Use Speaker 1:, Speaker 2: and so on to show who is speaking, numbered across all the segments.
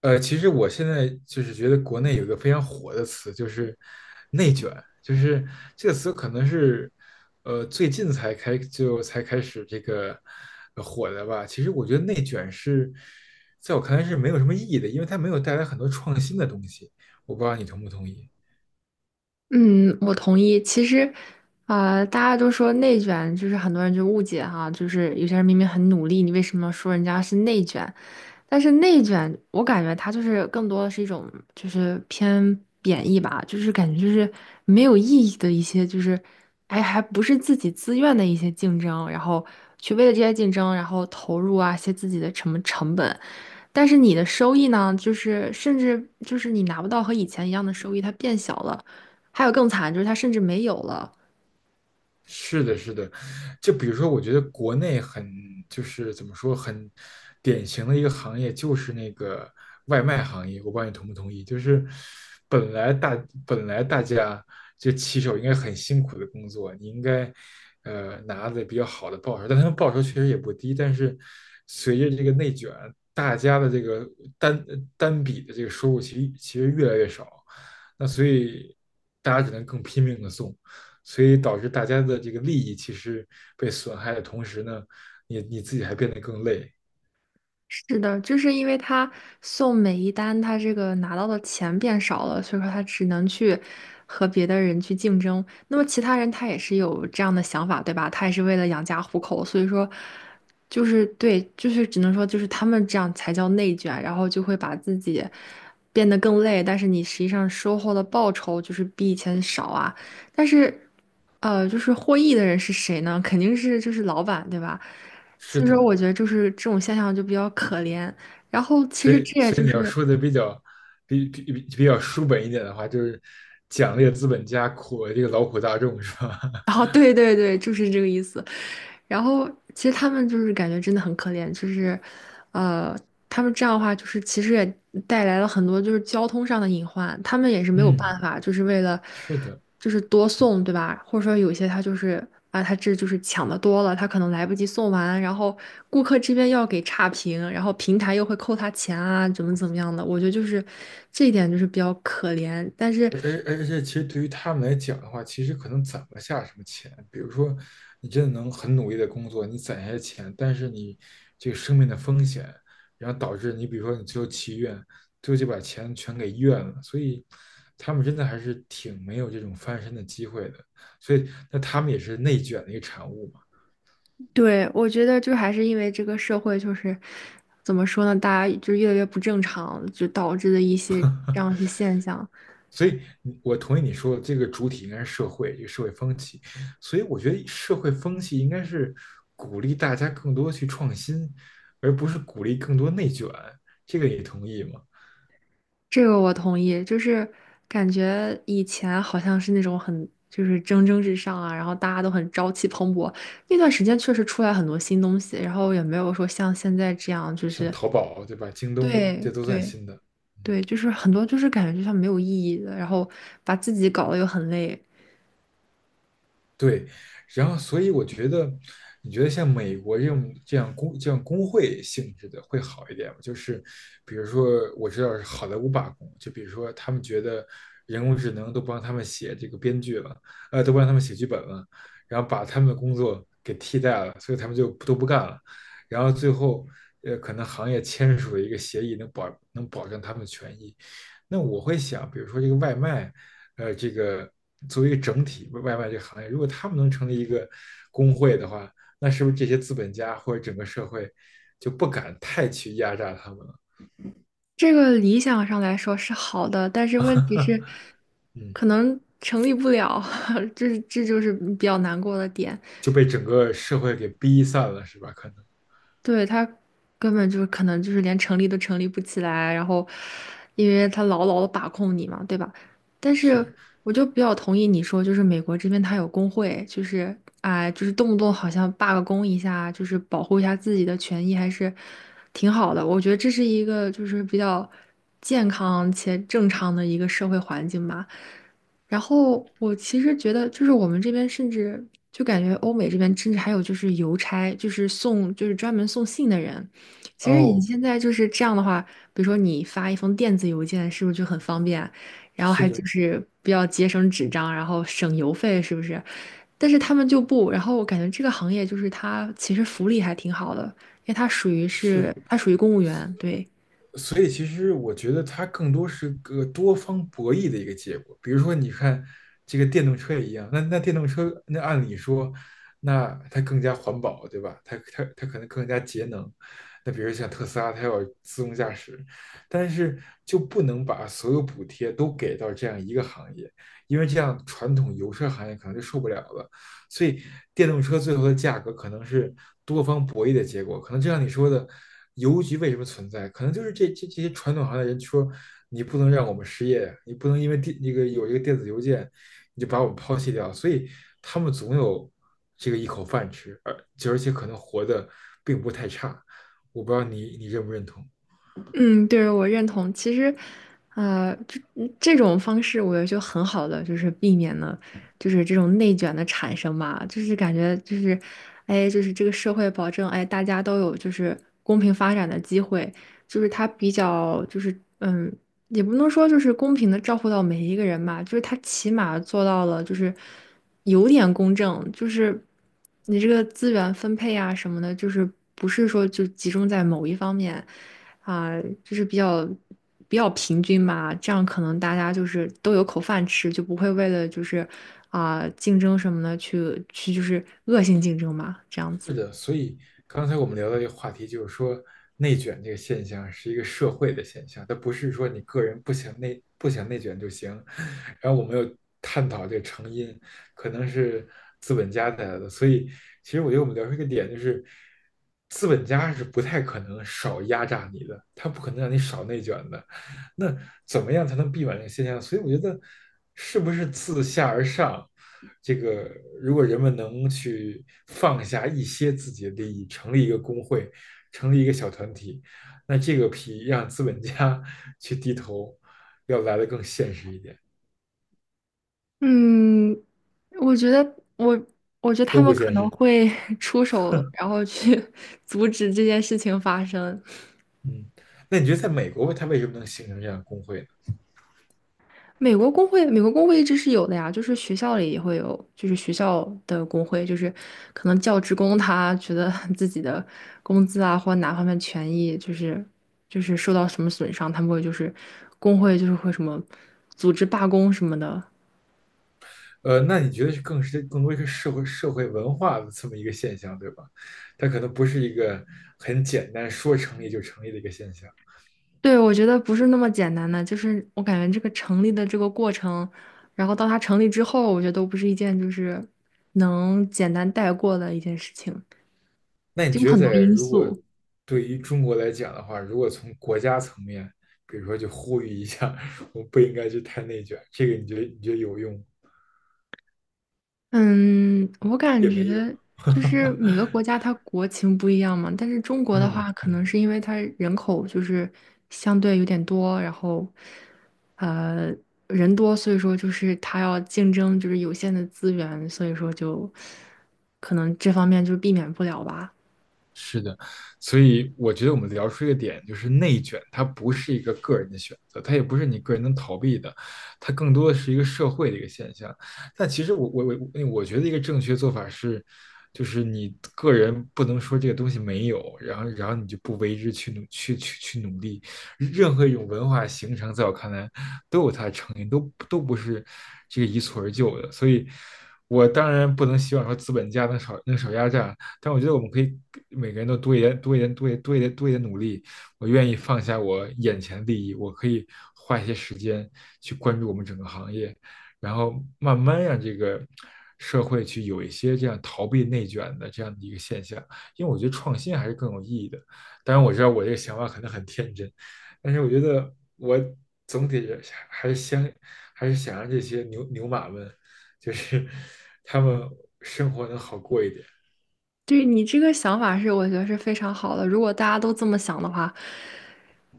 Speaker 1: 其实我现在就是觉得国内有一个非常火的词，就是"内卷"，就是这个词可能是最近才开始这个火的吧。其实我觉得"内卷"是在我看来是没有什么意义的，因为它没有带来很多创新的东西。我不知道你同不同意。
Speaker 2: 嗯，我同意。其实，大家都说内卷，就是很多人就误解哈，就是有些人明明很努力，你为什么说人家是内卷？但是内卷，我感觉它就是更多的是一种就是偏贬义吧，就是感觉就是没有意义的一些，就是哎，还不是自己自愿的一些竞争，然后去为了这些竞争，然后投入，一些自己的什么成本。但是你的收益呢，就是甚至就是你拿不到和以前一样的收益，它变小了。还有更惨，就是他甚至没有了。
Speaker 1: 是的，是的，就比如说，我觉得国内就是怎么说，很典型的一个行业就是那个外卖行业。我不知道你同不同意，就是本来大本来大家就骑手应该很辛苦的工作，你应该拿的比较好的报酬，但他们报酬确实也不低。但是随着这个内卷，大家的这个单单笔的这个收入其实越来越少，那所以大家只能更拼命的送。所以导致大家的这个利益其实被损害的同时呢，你自己还变得更累。
Speaker 2: 是的，就是因为他送每一单，他这个拿到的钱变少了，所以说他只能去和别的人去竞争。那么其他人他也是有这样的想法，对吧？他也是为了养家糊口，所以说就是对，就是只能说就是他们这样才叫内卷，然后就会把自己变得更累，但是你实际上收获的报酬就是比以前少啊。但是，就是获益的人是谁呢？肯定是就是老板，对吧？
Speaker 1: 是
Speaker 2: 所以说，
Speaker 1: 的，
Speaker 2: 我觉得就是这种现象就比较可怜。然后，其
Speaker 1: 所
Speaker 2: 实
Speaker 1: 以
Speaker 2: 这也
Speaker 1: 所以
Speaker 2: 就
Speaker 1: 你要
Speaker 2: 是，
Speaker 1: 说的比较比较书本一点的话，就是奖励资本家，苦了这个劳苦大众，是吧？
Speaker 2: 哦，对对对，就是这个意思。然后其实他们就是感觉真的很可怜，就是，呃，他们这样的话，就是其实也带来了很多就是交通上的隐患，他们也是没有
Speaker 1: 嗯，
Speaker 2: 办法，就是为了
Speaker 1: 是的。
Speaker 2: 就是多送，对吧？或者说有些他就是他这就是抢的多了，他可能来不及送完，然后顾客这边要给差评，然后平台又会扣他钱啊，怎么怎么样的，我觉得就是这一点就是比较可怜，但是。
Speaker 1: 而且，其实对于他们来讲的话，其实可能攒不下什么钱。比如说，你真的能很努力的工作，你攒下钱，但是你这个生命的风险，然后导致你，比如说你最后去医院，最后就把钱全给医院了。所以，他们真的还是挺没有这种翻身的机会的。所以，那他们也是内卷的一个产物。嘛。
Speaker 2: 对，我觉得就还是因为这个社会就是怎么说呢，大家就越来越不正常，就导致的一些这样一些现象。
Speaker 1: 所以我同意你说的，这个主体应该是社会，这个社会风气。所以，我觉得社会风气应该是鼓励大家更多去创新，而不是鼓励更多内卷。这个你同意吗？
Speaker 2: 这个我同意，就是感觉以前好像是那种很就是蒸蒸日上啊，然后大家都很朝气蓬勃。那段时间确实出来很多新东西，然后也没有说像现在这样，就
Speaker 1: 像
Speaker 2: 是
Speaker 1: 淘宝，对吧？京东，这
Speaker 2: 对
Speaker 1: 都算
Speaker 2: 对。
Speaker 1: 新的。嗯，
Speaker 2: 对，就是很多就是感觉就像没有意义的，然后把自己搞得又很累。
Speaker 1: 对，然后所以我觉得，你觉得像美国这种这样工会性质的会好一点吗？就是比如说，我知道是好莱坞罢工，就比如说他们觉得人工智能都帮他们写这个编剧了，都帮他们写剧本了，然后把他们的工作给替代了，所以他们就都不干了，然后最后可能行业签署了一个协议，能保证他们的权益。那我会想，比如说这个外卖，这个作为一个整体外卖这个行业，如果他们能成立一个工会的话，那是不是这些资本家或者整个社会就不敢太去压榨他们了？
Speaker 2: 这个理想上来说是好的，但是问题是，
Speaker 1: 嗯，
Speaker 2: 可能成立不了，这就是比较难过的点。
Speaker 1: 就被整个社会给逼散了，是吧？可能
Speaker 2: 对，他根本就是可能就是连成立都成立不起来，然后因为他牢牢的把控你嘛，对吧？但是
Speaker 1: 是。
Speaker 2: 我就比较同意你说，就是美国这边他有工会，就是啊、就是动不动好像罢个工一下，就是保护一下自己的权益，还是挺好的。我觉得这是一个就是比较健康且正常的一个社会环境吧。然后我其实觉得，就是我们这边甚至就感觉欧美这边甚至还有就是邮差，就是送就是专门送信的人。其实你
Speaker 1: 哦，
Speaker 2: 现在就是这样的话，比如说你发一封电子邮件，是不是就很方便？然后
Speaker 1: 是
Speaker 2: 还
Speaker 1: 的，
Speaker 2: 就是比较节省纸张，然后省邮费，是不是？但是他们就不，然后我感觉这个行业就是它其实福利还挺好的，因为它属于是
Speaker 1: 是。
Speaker 2: 它属于公务员，对。
Speaker 1: 所以其实我觉得它更多是个多方博弈的一个结果。比如说，你看这个电动车也一样，那电动车，那按理说，那它更加环保，对吧？它可能更加节能。那比如像特斯拉，它要自动驾驶，但是就不能把所有补贴都给到这样一个行业，因为这样传统油车行业可能就受不了了。所以电动车最后的价格可能是方博弈的结果。可能就像你说的，邮局为什么存在？可能就是这这些传统行业人说，你不能让我们失业，你不能因为那个有一个电子邮件，你就把我们抛弃掉。所以他们总有这个一口饭吃，而且可能活得并不太差。我不知道你认不认同。
Speaker 2: 嗯，对，我认同。其实，这这种方式，我觉得就很好的，就是避免了，就是这种内卷的产生吧。就是感觉就是，哎，就是这个社会保证，哎，大家都有就是公平发展的机会，就是它比较就是嗯也不能说就是公平的照顾到每一个人吧，就是他起码做到了，就是有点公正，就是你这个资源分配啊什么的，就是不是说就集中在某一方面，就是比较平均吧，这样可能大家就是都有口饭吃，就不会为了就是啊竞争什么的去就是恶性竞争嘛，这样子。
Speaker 1: 是的，所以刚才我们聊到一个话题，就是说内卷这个现象是一个社会的现象，它不是说你个人不想内卷就行。然后我们又探讨这个成因，可能是资本家带来的。所以其实我觉得我们聊出一个点，就是资本家是不太可能少压榨你的，他不可能让你少内卷的。那怎么样才能避免这个现象？所以我觉得，是不是自下而上，这个如果人们能去放下一些自己的利益，成立一个工会，成立一个小团体，那这个比让资本家 去低头要来的更现实一点，
Speaker 2: 嗯，我觉得我我觉得他
Speaker 1: 都不
Speaker 2: 们可
Speaker 1: 现
Speaker 2: 能
Speaker 1: 实。
Speaker 2: 会 出手，然后去 阻止这件事情发生。
Speaker 1: 嗯，那你觉得在美国，它为什么能形成这样的工会
Speaker 2: 美国工会，美国工会一直是有的呀，就是学校里也会有，就是学校的工会，就是可能教职工他觉得 自己的工资啊或哪方面权益就是受到什么损伤，他们会就是工会就是会什么组织罢工什么的。
Speaker 1: 那你觉得是更多一个社会文化的这么一个现象，对吧？它可能不是一个很简单说成立就成立的一个现象。
Speaker 2: 对，我觉得不是那么简单的，就是我感觉这个成立的这个过程，然后到它成立之后，我觉得都不是一件就是能简单带过的一件事情，
Speaker 1: 那你
Speaker 2: 就有
Speaker 1: 觉得
Speaker 2: 很多因
Speaker 1: 如果
Speaker 2: 素。
Speaker 1: 对于中国来讲的话，如果从国家层面，比如说就呼吁一下，我们不应该去太内卷，这个你觉得有用
Speaker 2: 嗯，我感
Speaker 1: 也
Speaker 2: 觉
Speaker 1: 没用？
Speaker 2: 就是每个国家它国情不一样嘛，但是中国的
Speaker 1: 嗯
Speaker 2: 话，可
Speaker 1: 嗯。
Speaker 2: 能是因为它人口就是相对有点多，然后呃人多，所以说就是它要竞争就是有限的资源，所以说就可能这方面就避免不了吧。
Speaker 1: 是的，所以我觉得我们聊出一个点，就是内卷，它不是一个个人的选择，它也不是你个人能逃避的，它更多的是一个社会的一个现象。但其实我觉得一个正确做法是，就是你个人不能说这个东西没有，然后你就不为之去努力。任何一种文化形成，在我看来都有它的成因，都不是这个一蹴而就的。所以，我当然不能希望说资本家能少压榨，但我觉得我们可以每个人都多一点、多一点、多一点、多一点、多一点努力。我愿意放下我眼前的利益，我可以花一些时间去关注我们整个行业，然后慢慢让这个社会去有一些这样逃避内卷的这样的一个现象。因为我觉得创新还是更有意义的。当然，我知道我这个想法可能很天真，但是我觉得我总体还是想还是想让这些牛牛马们，就是 他们生活能好过一点。
Speaker 2: 对你这个想法是，我觉得是非常好的。如果大家都这么想的话，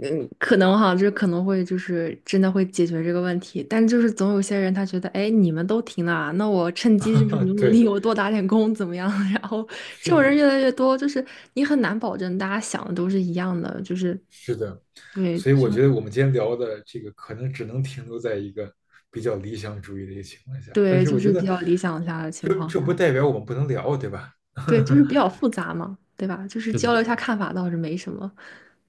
Speaker 2: 嗯，可能哈，这可能会就是真的会解决这个问题，但就是总有些人他觉得，哎，你们都停了啊，那我趁 机就是
Speaker 1: 啊，
Speaker 2: 努努
Speaker 1: 对，
Speaker 2: 力，我多打点工怎么样？然后这
Speaker 1: 是
Speaker 2: 种人
Speaker 1: 的，
Speaker 2: 越来越多，就是你很难保证大家想的都是一样的，就是
Speaker 1: 是的，
Speaker 2: 对，
Speaker 1: 所以我觉得我们今天聊的这个可能只能停留在一个比较理想主义的一个情况下，但是
Speaker 2: 就
Speaker 1: 我觉
Speaker 2: 是比
Speaker 1: 得
Speaker 2: 较理想下的情况
Speaker 1: 这不
Speaker 2: 下，
Speaker 1: 代表我们不能聊，对吧？
Speaker 2: 对，就是比较复杂嘛，对吧？就是
Speaker 1: 是
Speaker 2: 交
Speaker 1: 的，
Speaker 2: 流一下看法倒是没什么。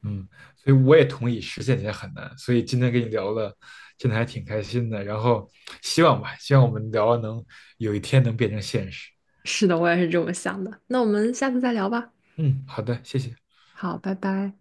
Speaker 1: 嗯，所以我也同意实现起来很难，所以今天跟你聊了，真的还挺开心的，然后希望吧，希望我们聊能有一天能变成现实。
Speaker 2: 是的，我也是这么想的。那我们下次再聊吧。
Speaker 1: 嗯，好的，谢谢。
Speaker 2: 好，拜拜。